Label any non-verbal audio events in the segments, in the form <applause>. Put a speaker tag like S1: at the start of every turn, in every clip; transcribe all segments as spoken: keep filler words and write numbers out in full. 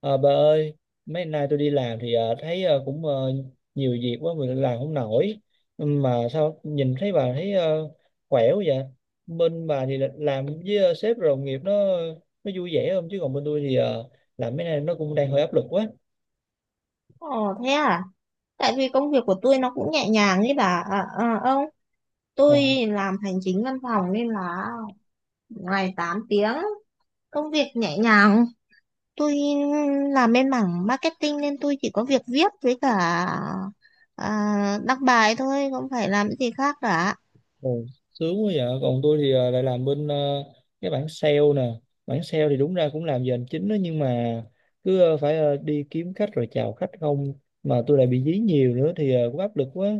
S1: À, bà ơi, mấy nay tôi đi làm thì ờ, thấy ờ, cũng ờ, nhiều việc quá mình làm không nổi. Mà sao nhìn thấy bà thấy ờ, khỏe quá vậy? Bên bà thì là- làm với ờ, sếp rồi đồng nghiệp nó nó vui vẻ không? Chứ còn bên tôi thì ờ, làm mấy nay nó cũng đang hơi áp lực quá.
S2: Ồ, thế à? Tại vì công việc của tôi nó cũng nhẹ nhàng ấy bà à, à, ông.
S1: Ờ.
S2: Tôi làm hành chính văn phòng nên là ngày tám tiếng, công việc nhẹ nhàng. Tôi làm bên mảng marketing nên tôi chỉ có việc viết với cả à, đăng bài thôi, không phải làm cái gì khác cả.
S1: Ừ, sướng quá vậy. Còn tôi thì ờ, lại làm bên ờ, cái bảng sale nè. Bảng sale thì đúng ra cũng làm giờ hành chính đó, nhưng mà cứ ờ, phải ờ, đi kiếm khách rồi chào khách không, mà tôi lại bị dí nhiều nữa thì ờ, cũng áp lực quá.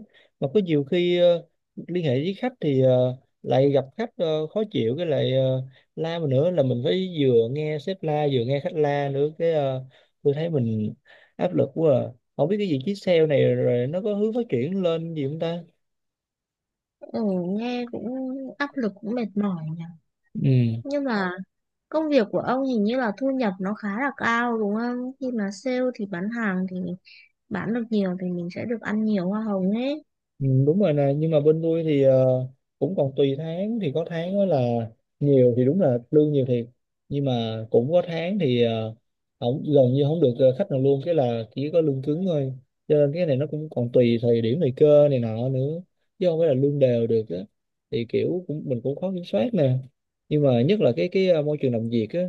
S1: Mà có nhiều khi ờ, liên hệ với khách thì ờ, lại gặp khách ờ, khó chịu, cái lại ờ, la mình nữa, là mình phải vừa nghe sếp la vừa nghe khách la nữa, cái ờ, tôi thấy mình áp lực quá à. Không biết cái vị trí sale này rồi nó có hướng phát triển lên gì không ta?
S2: Ừ, nghe cũng áp lực, cũng mệt mỏi nhỉ.
S1: Ừ.
S2: Nhưng mà công việc của ông hình như là thu nhập nó khá là cao, đúng không? Khi mà sale thì bán hàng, thì bán được nhiều thì mình sẽ được ăn nhiều hoa hồng ấy.
S1: Ừ, đúng rồi nè. Nhưng mà bên tôi thì ờ, cũng còn tùy tháng, thì có tháng đó là nhiều thì đúng là lương nhiều thiệt, nhưng mà cũng có tháng thì ờ, không, gần như không được ờ, khách nào luôn, cái là chỉ có lương cứng thôi. Cho nên cái này nó cũng còn tùy thời điểm, thời cơ này nọ nữa, chứ không phải là lương đều được á. Thì kiểu cũng mình cũng khó kiểm soát nè. Nhưng mà nhất là cái cái ờ, môi trường làm việc á,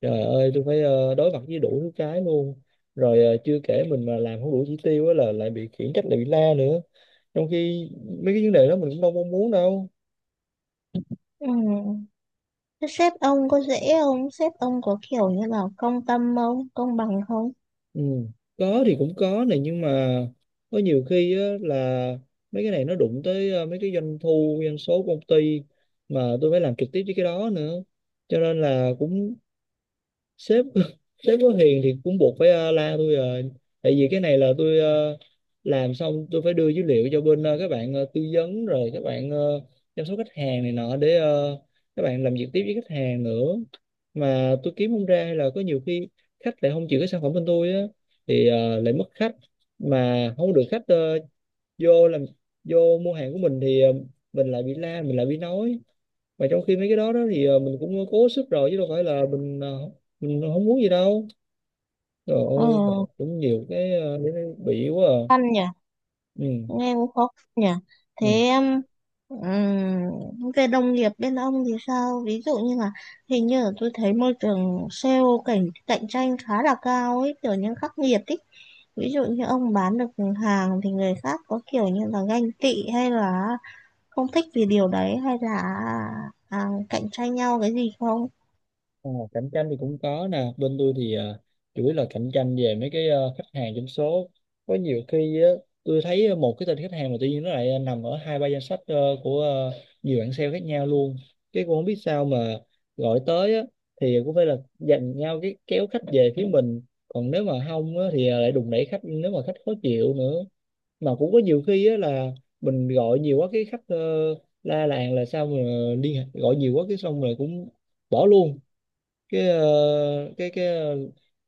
S1: trời ơi tôi phải ờ, đối mặt với đủ thứ cái luôn. Rồi ờ, chưa kể mình mà làm không đủ chỉ tiêu á là lại bị khiển trách, lại bị la nữa, trong khi mấy cái vấn đề đó mình cũng đâu mong muốn đâu.
S2: Ừ. Thế sếp ông có dễ không? Sếp ông có kiểu như là công tâm không? Công bằng không?
S1: Ừ. Có thì cũng có này, nhưng mà có nhiều khi á, là mấy cái này nó đụng tới ờ, mấy cái doanh thu, doanh số của công ty, mà tôi phải làm trực tiếp với cái đó nữa, cho nên là cũng sếp <laughs> sếp có hiền thì cũng buộc phải ờ, la tôi rồi. Tại vì cái này là tôi ờ, làm xong tôi phải đưa dữ liệu cho bên ờ, các bạn ờ, tư vấn, rồi các bạn ờ, chăm sóc khách hàng này nọ, để ờ, các bạn làm việc tiếp với khách hàng nữa. Mà tôi kiếm không ra, hay là có nhiều khi khách lại không chịu cái sản phẩm bên tôi á thì ờ, lại mất khách. Mà không được khách ờ, vô làm, vô mua hàng của mình thì ờ, mình lại bị la, mình lại bị nói, mà trong khi mấy cái đó đó thì ờ, mình cũng cố sức rồi chứ đâu phải là mình ờ, mình không muốn gì đâu. Trời ơi mà
S2: Ừ,
S1: cũng nhiều cái ờ, để nó bị quá à.
S2: khăn nhỉ?
S1: Ừ.
S2: Nghe cũng khó khăn nhỉ?
S1: Ừ.
S2: Thế um, về đồng nghiệp bên ông thì sao? Ví dụ như là hình như là tôi thấy môi trường sale cạnh cạnh tranh khá là cao ấy, kiểu như khắc nghiệt ấy. Ví dụ như ông bán được hàng thì người khác có kiểu như là ganh tị hay là không thích vì điều đấy, hay là à, cạnh tranh nhau cái gì không?
S1: Ờ, cạnh tranh thì cũng có nè. Bên tôi thì ờ, chủ yếu là cạnh tranh về mấy cái ờ, khách hàng trong số. Có nhiều khi á, tôi thấy một cái tên khách hàng mà tự nhiên nó lại nằm ở hai ba danh sách ờ, của ờ, nhiều bạn sale khác nhau luôn, cái cũng không biết sao mà gọi tới á, thì cũng phải là giành nhau cái kéo khách về phía mình. Còn nếu mà không á, thì à, lại đùn đẩy khách nếu mà khách khó chịu nữa. Mà cũng có nhiều khi á, là mình gọi nhiều quá cái khách ờ, la làng là sao mà liên hệ gọi nhiều quá, cái xong rồi cũng bỏ luôn cái ờ, cái cái ờ,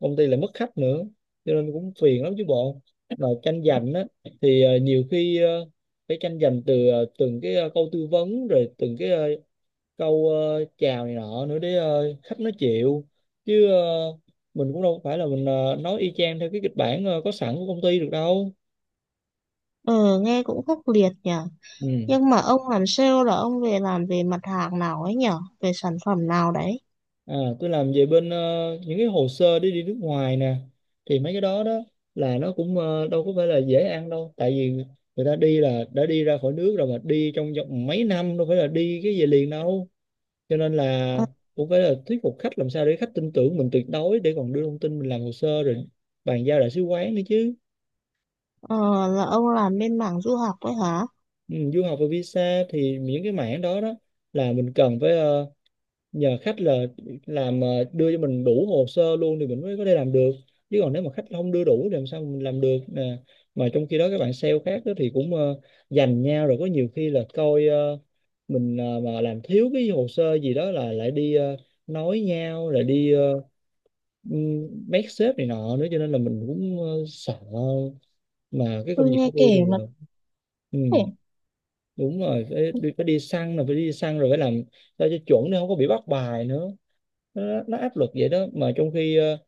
S1: công ty lại mất khách nữa, cho nên cũng phiền lắm chứ bộ. Mà tranh giành á thì ờ, nhiều khi ờ, phải tranh giành từ ờ, từng cái ờ, câu tư vấn, rồi từng cái ờ, câu ờ, chào này nọ nữa để ờ, khách nó chịu. Chứ ờ, mình cũng đâu phải là mình ờ, nói y chang theo cái kịch bản ờ, có sẵn của công ty được đâu.
S2: Ừ, nghe cũng khốc liệt nhở.
S1: Ừ.
S2: Nhưng mà ông làm sale là ông về làm về mặt hàng nào ấy nhở? Về sản phẩm nào đấy?
S1: À, tôi làm về bên ờ, những cái hồ sơ đi đi nước ngoài nè. Thì mấy cái đó đó là nó cũng ờ, đâu có phải là dễ ăn đâu, tại vì người ta đi là đã đi ra khỏi nước rồi, mà đi trong vòng mấy năm, đâu phải là đi cái về liền đâu. Cho nên là
S2: Ờ,
S1: cũng phải là thuyết phục khách làm sao để khách tin tưởng mình tuyệt đối, để còn đưa thông tin mình làm hồ sơ rồi bàn giao đại sứ quán nữa chứ.
S2: ờ, là ông làm bên mảng du học ấy hả?
S1: Ừ, du học và visa, thì những cái mảng đó đó là mình cần phải ờ, nhờ khách là làm ờ, đưa cho mình đủ hồ sơ luôn, thì mình mới có thể làm được. Chứ còn nếu mà khách không đưa đủ thì làm sao mình làm được nè. Mà trong khi đó các bạn sale khác đó thì cũng ờ, giành nhau. Rồi có nhiều khi là coi ờ, mình ờ, mà làm thiếu cái hồ sơ gì đó là lại đi ờ, nói nhau, lại đi ờ, ừm, mét sếp này nọ nữa, cho nên là mình cũng ờ, sợ. Mà cái công
S2: Tôi
S1: việc của
S2: nghe
S1: tôi
S2: kể
S1: thì
S2: mà
S1: ờ, ừ
S2: có vẻ
S1: đúng rồi, phải, đi- phải đi săn, rồi phải đi săn rồi phải làm sao cho chuẩn để không có bị bắt bài nữa. Nó, nó áp lực vậy đó. Mà trong khi ờ,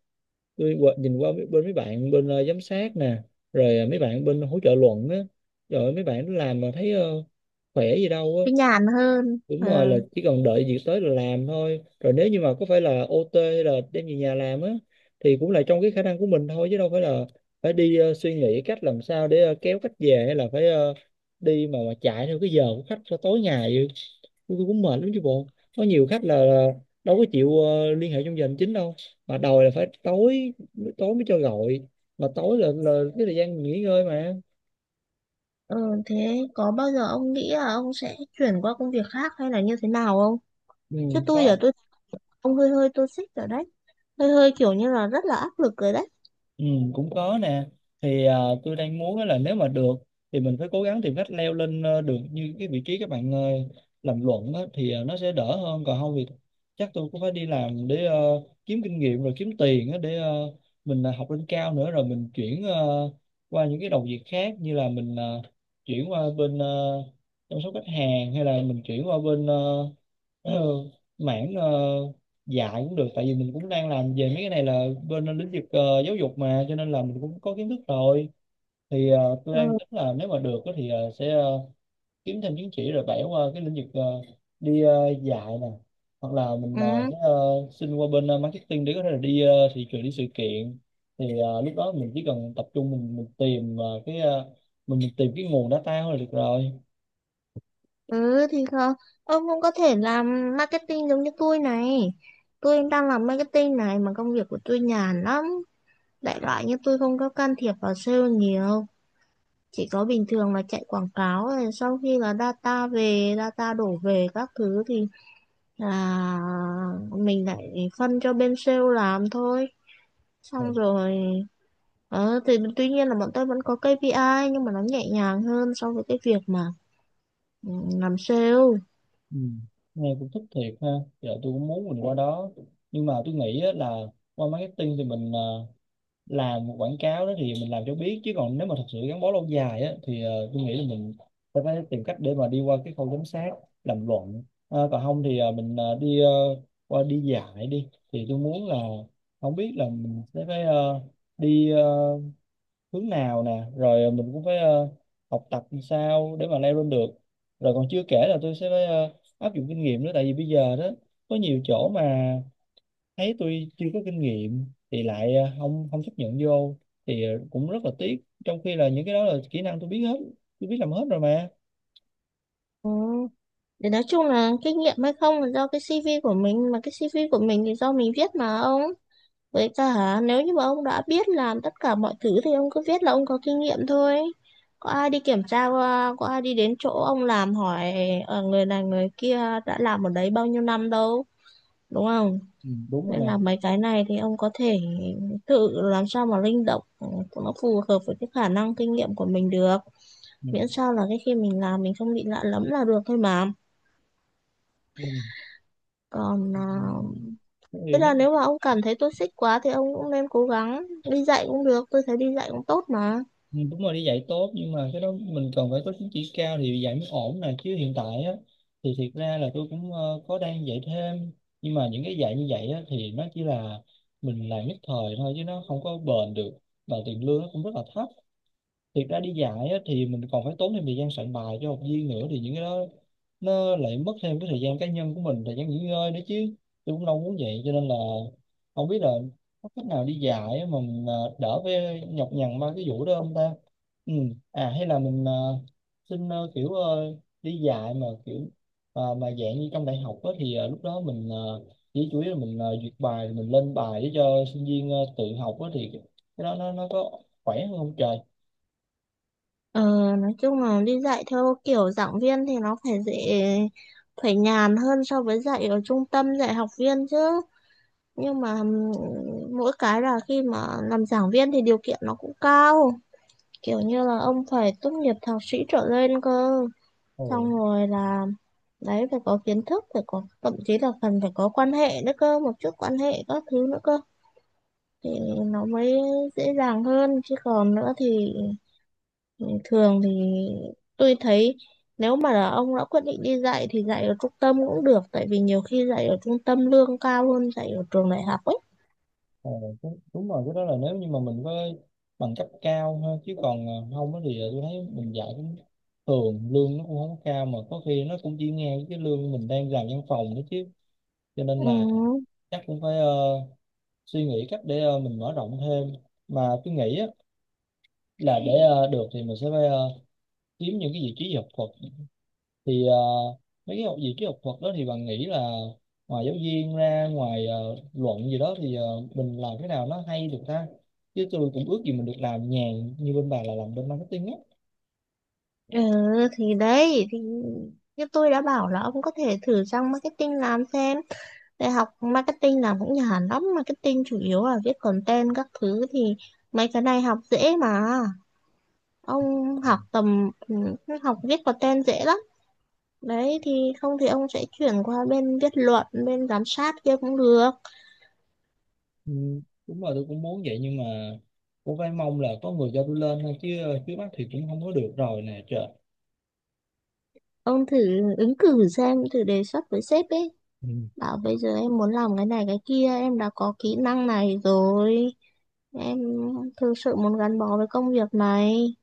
S1: tôi qua- nhìn qua bên mấy bạn bên ờ, giám sát nè, rồi ờ, mấy bạn bên hỗ trợ luận á, rồi mấy bạn làm mà thấy ờ, khỏe gì
S2: cái
S1: đâu.
S2: nhàn hơn.
S1: Đúng
S2: Ờ,
S1: rồi, là chỉ cần đợi việc tới là làm thôi. Rồi nếu như mà có phải là ô tê hay là đem về nhà làm á, thì cũng là trong cái khả năng của mình thôi, chứ đâu phải là phải đi ờ, suy nghĩ cách làm sao để ờ, kéo khách về, hay là phải ờ, đi mà mà chạy theo cái giờ của khách cho tối ngày vậy. tôi, tôi cũng mệt lắm chứ bộ. Có nhiều khách là, là đâu có chịu ờ, liên hệ trong giờ hành chính đâu, mà đòi là phải tối. Tối mới cho gọi, mà tối là, là cái thời gian nghỉ ngơi mà.
S2: ờ, Thế có bao giờ ông nghĩ là ông sẽ chuyển qua công việc khác hay là như thế nào không?
S1: Ừ,
S2: Chứ tôi
S1: đó.
S2: giờ tôi ông hơi hơi tôi xích rồi đấy. Hơi hơi kiểu như là rất là áp lực rồi đấy.
S1: Ừ, cũng có nè. Thì à, tôi đang muốn á là nếu mà được thì mình phải cố gắng tìm cách leo lên ờ, được như cái vị trí các bạn ờ, làm luận á, thì ờ, nó sẽ đỡ hơn. Còn không thì chắc tôi cũng phải đi làm để ờ, kiếm kinh nghiệm rồi kiếm tiền á, để ờ, mình ờ, học lên cao nữa, rồi mình chuyển ờ, qua những cái đầu việc khác, như là mình ờ, chuyển qua bên ờ, chăm sóc khách hàng, hay là mình chuyển qua bên ờ, <clears throat> ờ, mảng ờ, dạ cũng được. Tại vì mình cũng đang làm về mấy cái này là bên lĩnh vực ờ, giáo dục mà, cho nên là mình cũng có kiến thức rồi. Thì ờ, tôi đang
S2: Ừ.
S1: tính là nếu mà được á thì ờ, sẽ ờ, kiếm thêm chứng chỉ rồi bẻ qua cái lĩnh vực ờ, đi ờ, dạy nè. Hoặc là mình ờ,
S2: Ừ.
S1: sẽ ờ, xin qua bên ờ, marketing để có thể là đi ờ, thị trường, đi sự kiện, thì ờ, lúc đó mình chỉ cần tập trung mình mình tìm ờ, cái ờ, mình, mình tìm cái nguồn data thôi là được rồi.
S2: Ừ thì không, ông cũng có thể làm marketing giống như tôi này. Tôi đang làm marketing này mà công việc của tôi nhàn lắm. Đại loại như tôi không có can thiệp vào sale nhiều. Chỉ có bình thường là chạy quảng cáo rồi sau khi là data về, data đổ về các thứ thì là mình lại phân cho bên sale làm thôi. Xong rồi, ờ, thì tuy nhiên là bọn tôi vẫn có ca pê i nhưng mà nó nhẹ nhàng hơn so với cái việc mà ừ, làm sale.
S1: Ừ. Nghe cũng thích thiệt ha. Giờ tôi cũng muốn mình qua đó, nhưng mà tôi nghĩ á, là qua marketing thì mình ờ, làm một quảng cáo đó thì mình làm cho biết. Chứ còn nếu mà thật sự gắn bó lâu dài á, thì ờ, tôi nghĩ là mình sẽ phải tìm cách để mà đi qua cái khâu giám sát, làm luận. Ờ, còn không thì ờ, mình ờ, đi ờ, qua đi dạy đi, thì tôi muốn là không biết là mình sẽ phải ờ, đi ờ, hướng nào nè, rồi mình cũng phải ờ, học tập làm sao để mà leo lên được. Rồi còn chưa kể là tôi sẽ phải ờ, áp dụng kinh nghiệm nữa, tại vì bây giờ đó có nhiều chỗ mà thấy tôi chưa có kinh nghiệm thì lại ờ, không không chấp nhận vô, thì ờ, cũng rất là tiếc, trong khi là những cái đó là kỹ năng tôi biết hết, tôi biết làm hết rồi mà.
S2: Ừ. Để nói chung là kinh nghiệm hay không là do cái xi vi của mình, mà cái xi vi của mình thì do mình viết mà ông, với cả nếu như mà ông đã biết làm tất cả mọi thứ thì ông cứ viết là ông có kinh nghiệm thôi. Có ai đi kiểm tra qua, có ai đi đến chỗ ông làm hỏi ờ, người này người kia đã làm ở đấy bao nhiêu năm đâu, đúng không?
S1: Ừ, đúng rồi
S2: Nên
S1: nè.
S2: là mấy cái này thì ông có thể tự làm sao mà linh động ừ, cho nó phù hợp với cái khả năng kinh nghiệm của mình được,
S1: Ừ.
S2: miễn sao là cái khi mình làm mình không bị lạ lẫm là được thôi mà.
S1: Ừ.
S2: Còn
S1: Ừ.
S2: à,
S1: Ừ.
S2: thế là nếu mà ông cảm thấy tôi xích quá thì ông cũng nên cố gắng đi dạy cũng được, tôi thấy đi dạy cũng tốt mà.
S1: Ừ, đúng rồi, đi dạy tốt, nhưng mà cái đó mình cần phải có chứng chỉ cao thì dạy mới ổn nè. Chứ hiện tại á thì thiệt ra là tôi cũng ờ, có đang dạy thêm, nhưng mà những cái dạy như vậy á thì nó chỉ là mình làm nhất thời thôi, chứ nó không có bền được, và tiền lương nó cũng rất là thấp. Thiệt ra đi dạy á, thì mình còn phải tốn thêm thời gian soạn bài cho học viên nữa, thì những cái đó nó lại mất thêm cái thời gian cá nhân của mình, thời gian nghỉ ngơi nữa chứ. Tôi cũng đâu muốn vậy, cho nên là không biết là có cách nào đi dạy á mà mình à, đỡ với nhọc nhằn ba cái vụ đó không ta. Ừ. À hay là mình à, xin à, kiểu à, đi dạy mà kiểu à, mà dạng như trong đại học á, thì à, lúc đó mình à, chỉ chủ yếu là mình à, duyệt bài rồi mình lên bài để cho sinh viên à, tự học á, thì cái đó nó nó có khỏe hơn không trời?
S2: Ờ, nói chung là đi dạy theo kiểu giảng viên thì nó phải dễ, phải nhàn hơn so với dạy ở trung tâm dạy học viên chứ. Nhưng mà ừm, mỗi cái là khi mà làm giảng viên thì điều kiện nó cũng cao, kiểu như là ông phải tốt nghiệp thạc sĩ trở lên cơ.
S1: Ừ.
S2: Xong rồi là đấy phải có kiến thức, phải có, thậm chí là cần phải có quan hệ nữa cơ, một chút quan hệ các thứ nữa cơ. Thì nó mới dễ dàng hơn, chứ còn nữa thì thường thì tôi thấy nếu mà là ông đã quyết định đi dạy thì dạy ở trung tâm cũng được, tại vì nhiều khi dạy ở trung tâm lương cao hơn dạy ở trường đại học ấy.
S1: Ờ, đúng, đúng rồi, cái đó là nếu như mà mình có bằng cấp cao ha. Chứ còn ờ, không á thì ờ, tôi thấy mình dạy cũng thường, lương nó cũng không có cao, mà có khi nó cũng chỉ ngang với cái lương mình đang làm văn phòng nữa chứ. Cho nên
S2: Ừ,
S1: là chắc cũng phải ờ, suy nghĩ cách để ờ, mình mở rộng thêm. Mà tôi nghĩ á, là để ờ, được thì mình sẽ phải ờ, kiếm những cái vị trí học thuật. Thì ờ, mấy cái học gì cái học thuật đó thì bạn nghĩ là ngoài giáo viên ra, ngoài ờ, luận gì đó, thì ờ, mình làm cái nào nó hay được ta. Chứ tôi cũng ước gì mình được làm nhàn như bên bà, là làm bên marketing á.
S2: ừ thì đấy thì như tôi đã bảo là ông có thể thử sang marketing làm xem, đại học marketing làm cũng nhàn lắm. Marketing chủ yếu là viết content các thứ thì mấy cái này học dễ mà. Ông học tầm ừ, học viết content dễ lắm. Đấy thì không thì ông sẽ chuyển qua bên viết luận, bên giám sát kia cũng được.
S1: Ừ, đúng rồi, tôi cũng muốn vậy. Nhưng mà cũng phải mong là có người cho tôi lên thôi chứ, trước mắt thì cũng không có được rồi nè trời.
S2: Ông thử ứng cử xem, thử đề xuất với sếp ấy.
S1: Ừ.
S2: Bảo bây giờ em muốn làm cái này cái kia, em đã có kỹ năng này rồi. Em thực sự muốn gắn bó với công việc này.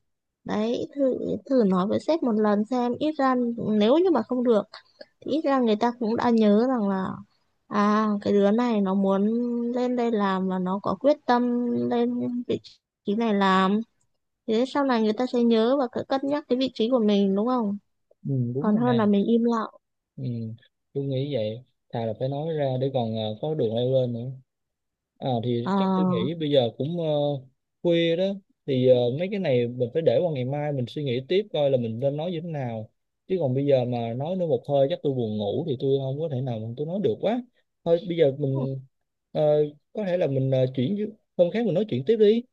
S2: Đấy, thử thử nói với sếp một lần xem, ít ra nếu như mà không được thì ít ra người ta cũng đã nhớ rằng là à, cái đứa này nó muốn lên đây làm và nó có quyết tâm lên vị trí này làm. Thế sau này người ta sẽ nhớ và cân cân nhắc cái vị trí của mình, đúng không?
S1: Ừ, đúng
S2: Còn
S1: rồi
S2: hơn
S1: nè.
S2: là mình im lặng.
S1: Ừ, tôi nghĩ vậy. Thà là phải nói ra để còn ờ, có đường leo lên nữa. À thì
S2: Ờ,
S1: chắc tôi nghĩ bây giờ cũng ờ, khuya đó, thì ờ, mấy cái này mình phải để qua ngày mai mình suy nghĩ tiếp, coi là mình nên nói như thế nào. Chứ còn bây giờ mà nói nữa một hơi chắc tôi buồn ngủ thì tôi không có thể nào mà tôi nói được quá. Thôi bây giờ mình ờ, có thể là mình ờ, chuyển hôm khác mình nói chuyện tiếp đi.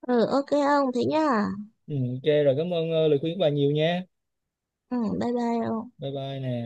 S2: ừ, ok ông, thế nhá.
S1: Ừ, ok rồi, cảm ơn ờ, lời khuyên của bà nhiều nha.
S2: Ừ, bye bye ông.
S1: Bye bye nè.